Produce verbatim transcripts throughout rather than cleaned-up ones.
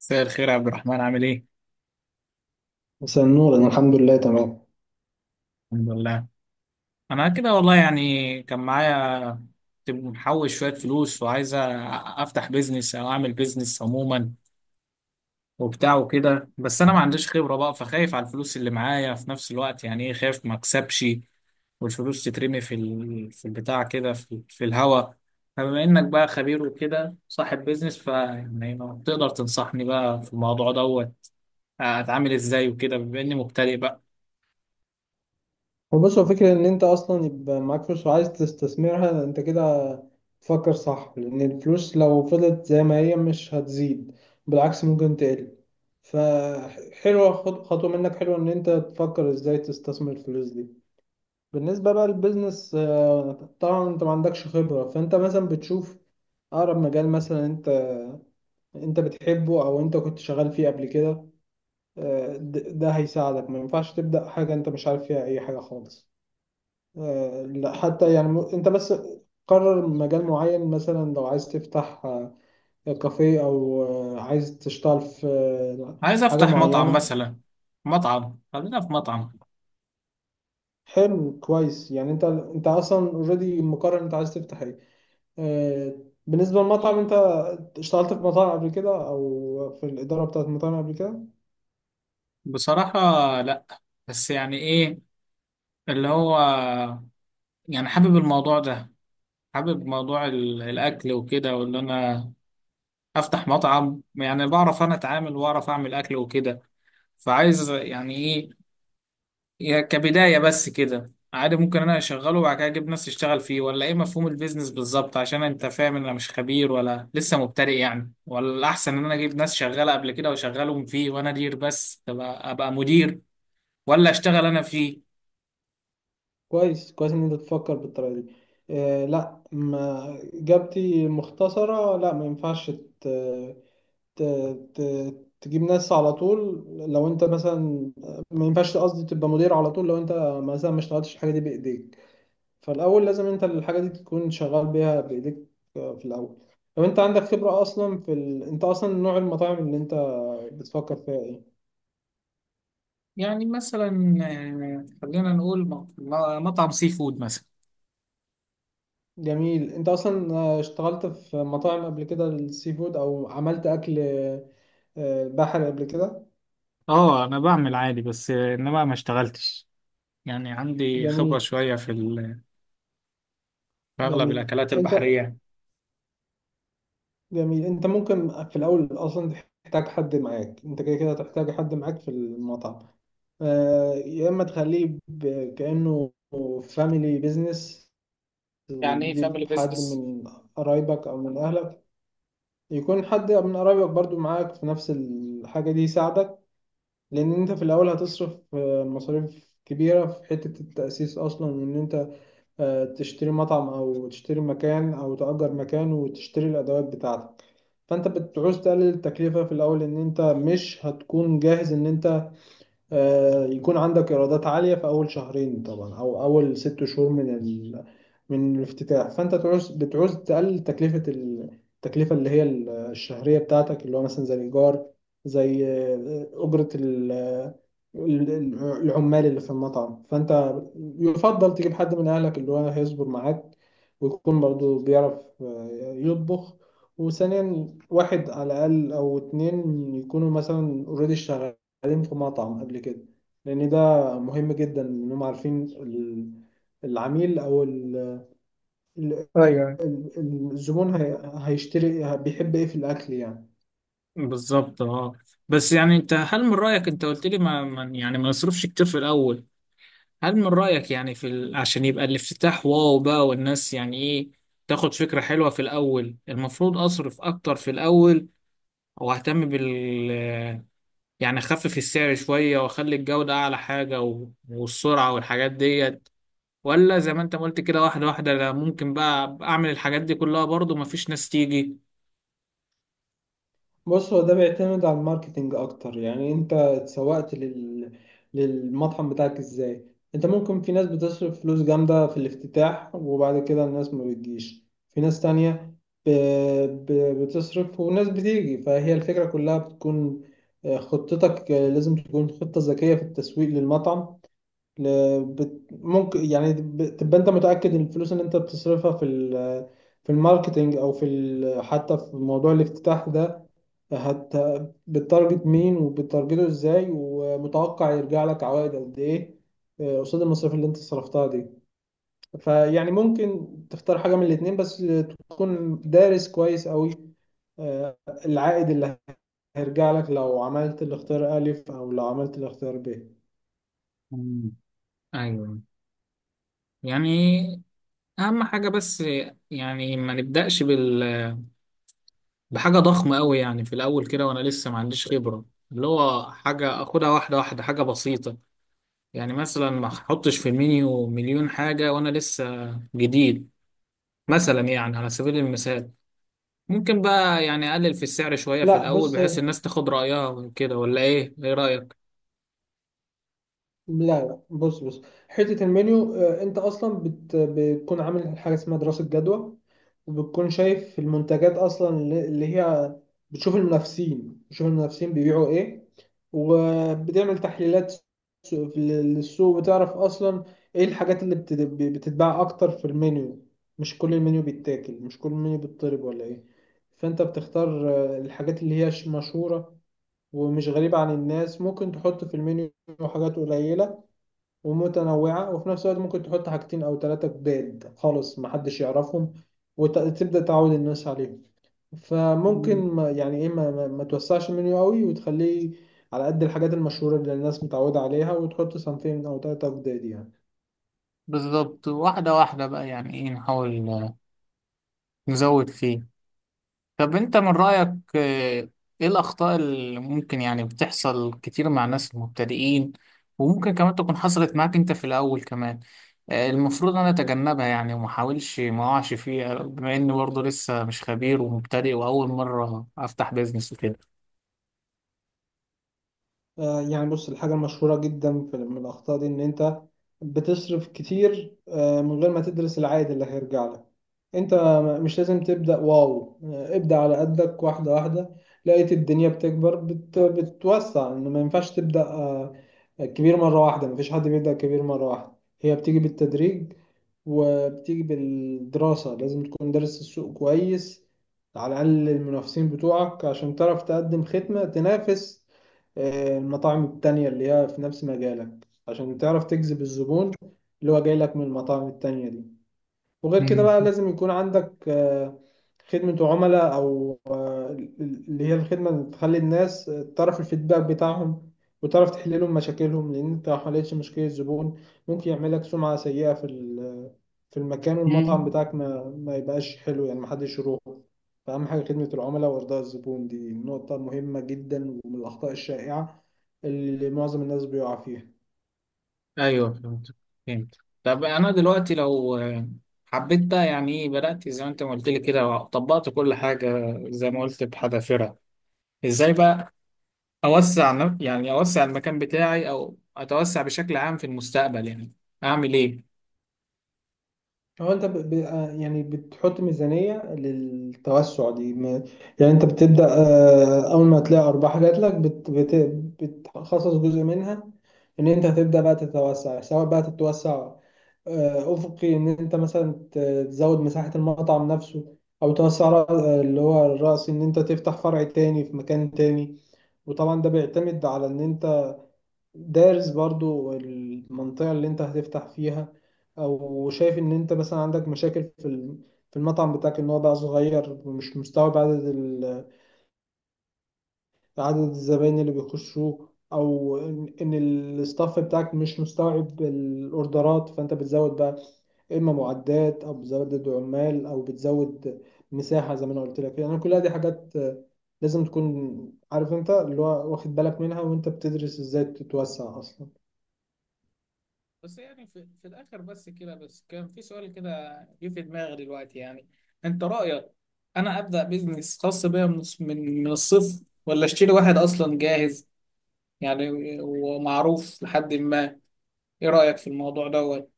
مساء الخير يا عبد الرحمن، عامل ايه؟ مساء النور، انا الحمد لله تمام. الحمد لله. انا كده والله، يعني كان معايا، كنت محوش شوية فلوس وعايز أ- افتح بيزنس او اعمل بيزنس عموما وبتاع وكده. بس انا ما عنديش خبرة بقى، فخايف على الفلوس اللي معايا. في نفس الوقت يعني ايه، خايف ما اكسبش والفلوس تترمي في ال... في البتاع كده، في, في الهوا. فبما انك بقى خبير وكده صاحب بيزنس، فيعني ما تقدر تنصحني بقى في الموضوع دوت؟ اتعامل ازاي وكده بما اني مبتدئ بقى؟ هو بص، هو فكرة ان انت اصلا يبقى معاك فلوس وعايز تستثمرها، انت كده تفكر صح، لان الفلوس لو فضلت زي ما هي مش هتزيد، بالعكس ممكن تقل. فحلوة خط- خطوة منك، حلوة ان انت تفكر ازاي تستثمر الفلوس دي. بالنسبة بقى للبيزنس، آه، طبعا انت ما عندكش خبرة، فانت مثلا بتشوف اقرب مجال، مثلا انت انت بتحبه او انت كنت شغال فيه قبل كده، آه، د- ده هيساعدك. ما ينفعش تبدأ حاجة انت مش عارف فيها اي حاجة خالص. آه، لا، حتى يعني م- انت بس قرر مجال معين. مثلا لو عايز تفتح آه، كافيه او آه، عايز تشتغل في آه، عايز حاجة افتح مطعم معينة. مثلا. مطعم، خلينا في مطعم. حلو كويس، يعني انت انت اصلا اوريدي مقرر انت عايز تفتح ايه. آه، بالنسبة للمطعم، انت اشتغلت في مطاعم قبل كده او في الإدارة بتاعت مطاعم قبل كده؟ بصراحة لا، بس يعني ايه اللي هو، يعني حابب الموضوع ده، حابب موضوع ال- الاكل وكده، وان انا افتح مطعم. يعني بعرف انا اتعامل واعرف اعمل اكل وكده. فعايز يعني ايه، يا كبداية بس كده عادي ممكن انا اشغله وبعد كده اجيب ناس تشتغل فيه، ولا ايه مفهوم البيزنس بالظبط؟ عشان انت فاهم ان انا مش خبير، ولا لسه مبتدئ يعني. ولا الاحسن ان انا اجيب ناس شغالة قبل كده واشغلهم فيه وانا ادير بس، تبقى ابقى مدير ولا اشتغل انا فيه؟ كويس كويس ان انت تفكر بالطريقه دي. آه لا، ما اجابتي مختصره، لا ما ينفعش ت... ت... ت... تجيب ناس على طول لو انت مثلا، ما ينفعش، قصدي تبقى مدير على طول لو انت مثلا ما اشتغلتش الحاجه دي بايديك. فالاول لازم انت الحاجه دي تكون شغال بيها بايديك آه، في الاول. لو انت عندك خبره اصلا في ال... انت اصلا نوع المطاعم اللي انت بتفكر فيها ايه؟ يعني مثلا آه، خلينا نقول م- م- مطعم سي فود مثلا. جميل، انت اصلا آه، اشتغلت في مطاعم قبل كده، السي فود، او عملت اكل آه، البحر قبل كده؟ اه انا بعمل عادي بس، آه، انما ما اشتغلتش. يعني عندي خبرة جميل. شوية في ال- في اغلب جميل. الاكلات انت البحرية. جميل، انت ممكن في الاول اصلا تحتاج حد معاك، انت كده كده هتحتاج حد معاك في المطعم. آه، يا اما تخليه ب- كأنه فاميلي بيزنس يعني ايه فاميلي وتجيب حد بيزنس؟ من قرايبك او من اهلك، يكون حد من قرايبك برضو معاك في نفس الحاجة دي يساعدك، لان انت في الاول هتصرف آه، مصاريف كبيرة في حتة التأسيس اصلا، وان انت آه، تشتري مطعم او تشتري مكان او تأجر مكان وتشتري الادوات بتاعتك. فانت بتعوز تقلل التكلفة في الاول، ان انت مش هتكون جاهز ان انت آه، يكون عندك ايرادات عاليه في اول شهرين طبعا، او اول ست شهور من ال... من الافتتاح. فانت تعوز بتعوز تقلل تكلفه ال- التكلفه اللي هي ال- الشهريه بتاعتك، اللي هو مثلا زي الايجار، زي آه، اجره ال... ال- ال- العمال اللي في المطعم. فانت يفضل تجيب حد من اهلك اللي هو هيصبر معاك، ويكون برضو بيعرف آه، يطبخ. وثانيا، واحد على الاقل او اتنين يكونوا مثلا اوريدي قدمت في مطعم قبل كده، لأن ده مهم جدا إنهم عارفين ال- العميل أو ال- ال- الزبون هي- هيشتري بيحب إيه في الأكل يعني. بالظبط اه. بس يعني انت، هل من رأيك انت قلت لي ما ما- يعني ما نصرفش كتير في الأول؟ هل من رأيك يعني في ال... عشان يبقى الافتتاح واو بقى والناس يعني ايه، تاخد فكرة حلوة في الأول؟ المفروض أصرف أكتر في الأول وأهتم بال، يعني أخفف السعر شوية وأخلي الجودة أعلى حاجة و... والسرعة والحاجات ديت، ولا زي ما انت ما قلت كده واحدة واحدة؟ لا، ممكن بقى أعمل الحاجات دي كلها برضو مفيش ناس تيجي. بص، هو ده بيعتمد على الماركتينج اكتر. يعني انت اتسوقت لل... للمطعم بتاعك ازاي؟ انت ممكن، في ناس بتصرف فلوس جامدة في الافتتاح وبعد كده الناس ما بتجيش، في ناس تانية ب... ب... بتصرف وناس بتيجي. فهي الفكرة كلها بتكون آه، خطتك آه، لازم تكون خطة ذكية في التسويق للمطعم. ل- بت- ممكن يعني ب- تبقى انت متأكد ان الفلوس اللي انت بتصرفها في ال- في الماركتينج، او في ال- حتى في موضوع الافتتاح ده، هت بتارجت مين وبتارجته ازاي، ومتوقع يرجع لك عوائد قد ايه آه، قصاد المصاريف اللي انت صرفتها دي. فيعني ممكن تختار حاجة من الاتنين، بس تكون دارس كويس قوي آه، العائد اللي هيرجع لك لو عملت الاختيار ألف أو لو عملت الاختيار ب. مم. ايوه. يعني اهم حاجة بس، يعني ما نبدأش بال... بحاجة ضخمة قوي يعني في الاول كده وانا لسه ما عنديش خبرة. اللي هو حاجة اخدها واحدة واحدة، حاجة بسيطة. يعني مثلا ما احطش في المنيو مليون حاجة وانا لسه جديد. مثلا يعني على سبيل المثال، ممكن بقى يعني اقلل في السعر شوية في لا الاول بص، بحيث الناس تاخد رأيها وكده، ولا ايه؟ ايه رأيك؟ لا لا بص بص حتة المنيو، آه، انت اصلا بت... بتكون عامل حاجة اسمها دراسة جدوى، وبتكون شايف المنتجات اصلا اللي اللي هي بتشوف المنافسين، بتشوف المنافسين بيبيعوا ايه، وبتعمل تحليلات سوق- في- للسوق، وتعرف اصلا ايه الحاجات اللي بت... بتتباع اكتر في المنيو. مش كل المنيو بيتاكل، مش كل المنيو بيتطلب ولا ايه. فانت بتختار آه، الحاجات اللي هي ش- مشهورة ومش غريبة عن الناس، ممكن تحط في المنيو حاجات قليلة ومتنوعة، وفي نفس الوقت ممكن تحط حاجتين أو تلاتة جداد خالص محدش يعرفهم وتبدأ تعود الناس عليهم. فممكن ما يعني إيه ما, ما, ما توسعش المنيو قوي، وتخليه على قد الحاجات المشهورة اللي الناس متعودة عليها، وتحط صنفين أو تلاتة جداد يعني. بالظبط واحدة واحدة بقى، يعني ايه نحاول آه، نزود فيه. طب انت من رأيك، آه، ايه الأخطاء اللي ممكن يعني بتحصل كتير مع الناس المبتدئين، وممكن كمان تكون حصلت معاك انت في الأول كمان؟ آه، المفروض انا اتجنبها يعني وما احاولش ما اقعش فيها، بما اني برضه لسه مش خبير ومبتدئ واول مرة افتح بيزنس وكده. آه يعني بص، الحاجة المشهورة جدا في من الأخطاء دي إن أنت بتصرف كتير آه من غير ما تدرس العائد اللي هيرجع لك. انت م- مش لازم تبدأ واو، آه، ابدأ على قدك واحدة واحدة. لقيت الدنيا بتكبر بت... بتوسع. انه ما ينفعش تبدأ آه، كبير مرة واحدة، مفيش حد بيبدأ كبير مرة واحدة، هي بتيجي بالتدريج وبتيجي بالدراسة. لازم تكون دارس السوق كويس، على الأقل المنافسين بتوعك، عشان تعرف تقدم خدمة تنافس آه، المطاعم التانية اللي هي في نفس مجالك، عشان تعرف تجذب الزبون اللي هو جاي لك من المطاعم التانية دي. وغير كده بقى، مم. لازم يكون عندك آه، خدمة عملاء، أو آه، اللي هي الخدمة اللي تخلي الناس آه، تعرف الفيدباك بتاعهم، وتعرف تحل لهم مشاكلهم. لأن أنت لو حلتش مشكلة الزبون، ممكن يعمل لك سمعة سيئة في ال- آه، في المكان والمطعم مم. بتاعك، ما ما يبقاش حلو يعني، محدش يروح. فأهم حاجة خدمة العملاء وإرضاء الزبون، دي نقطة مهمة جدا ومن الأخطاء الشائعة اللي معظم الناس بيقع فيها. ايوه فهمت، فهمت. طب انا دلوقتي لو آه، حبيت بقى يعني ايه، بدأت زي ما انت ما قلت لي كده وطبقت كل حاجة زي ما قلت بحذافيرها، ازاي بقى اوسع ن- يعني اوسع المكان بتاعي او اتوسع بشكل عام في المستقبل؟ يعني اعمل ايه؟ هو انت ب... ب... آه، يعني بتحط ميزانية للتوسع دي م- يعني انت بتبدأ آه، اول ما تلاقي ارباح جات لك بت... بت... بتخصص جزء منها ان انت هتبدأ بقى تتوسع، سواء بقى تتوسع آه، افقي ان انت مثلا ت- تزود مساحة المطعم نفسه، او توسع رأ- آه، اللي هو الرأس، ان انت تفتح فرع تاني في مكان تاني. وطبعا ده بيعتمد على ان انت دارس برضو المنطقة اللي انت هتفتح فيها، او شايف ان انت مثلا عندك مشاكل في ال- في المطعم بتاعك، ان هو بقى صغير ومش مستوعب عدد ال- عدد الزباين اللي بيخشوه، او ان إن الستاف بتاعك مش مستوعب الاوردرات. فانت بتزود بقى، اما معدات او بتزود عمال او بتزود مساحة، زي ما انا قلت لك يعني. كلها دي حاجات لازم تكون عارف انت اللي هو واخد بالك منها، وانت بتدرس ازاي تتوسع اصلا. بس يعني في, في الاخر بس كده، بس كان في سؤال كده جه في دماغي دلوقتي يعني. انت رايك انا ابدا بيزنس خاص بيا من من من الصفر، ولا اشتري واحد اصلا جاهز يعني، ومعروف لحد ما؟ ايه رايك في الموضوع دوت؟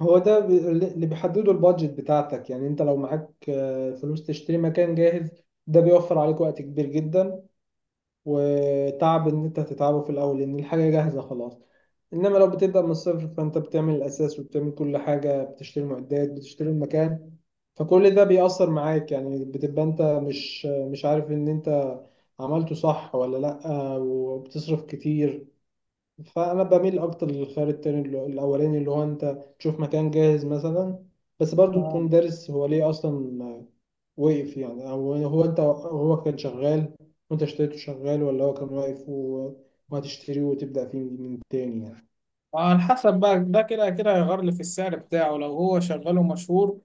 هو ده ب- اللي بيحدده البادجت بتاعتك. يعني انت لو معاك آه، فلوس تشتري مكان جاهز، ده بيوفر عليك وقت كبير جدا وتعب ان انت هتتعبه في الاول، لان الحاجة جاهزة خلاص. انما لو بتبدأ من الصفر، فانت بتعمل الاساس وبتعمل كل حاجة، بتشتري معدات بتشتري المكان. فكل ده بيأثر معاك، يعني بتبقى انت مش مش عارف ان انت عملته صح ولا لأ، وبتصرف كتير. فانا بميل اكتر للخيار التاني اللي- الاولاني، اللي هو انت تشوف مكان جاهز مثلا، بس برضو تكون دارس هو ليه اصلا وقف يعني، او هو انت هو كان شغال وانت اشتريته شغال، ولا هو كان واقف و- وهتشتريه وتبدا فيه من تاني يعني. على حسب بقى، ده كده كده هيغير لي في السعر بتاعه. لو هو شغال ومشهور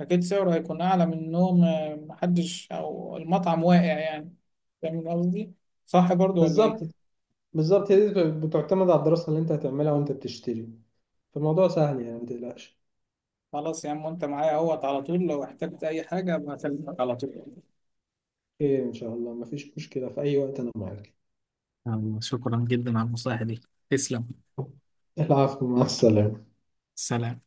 أكيد سعره هيكون أعلى من إنهم آه، محدش، أو المطعم واقع يعني. فاهم قصدي؟ صح برضو ولا إيه؟ بالظبط. بالظبط، هي دي بتعتمد على الدراسه اللي انت هتعملها وانت بتشتري. فالموضوع سهل يعني، ما تقلقش. خلاص يا عم، وأنت معايا أهوت. على طول لو احتجت أي حاجة بكلمك على طول. خير ان شاء الله، مفيش مشكله، في اي وقت انا معاك. يلا، شكرا جدا على النصائح دي. تسلم. العفو، مع السلامه. سلام.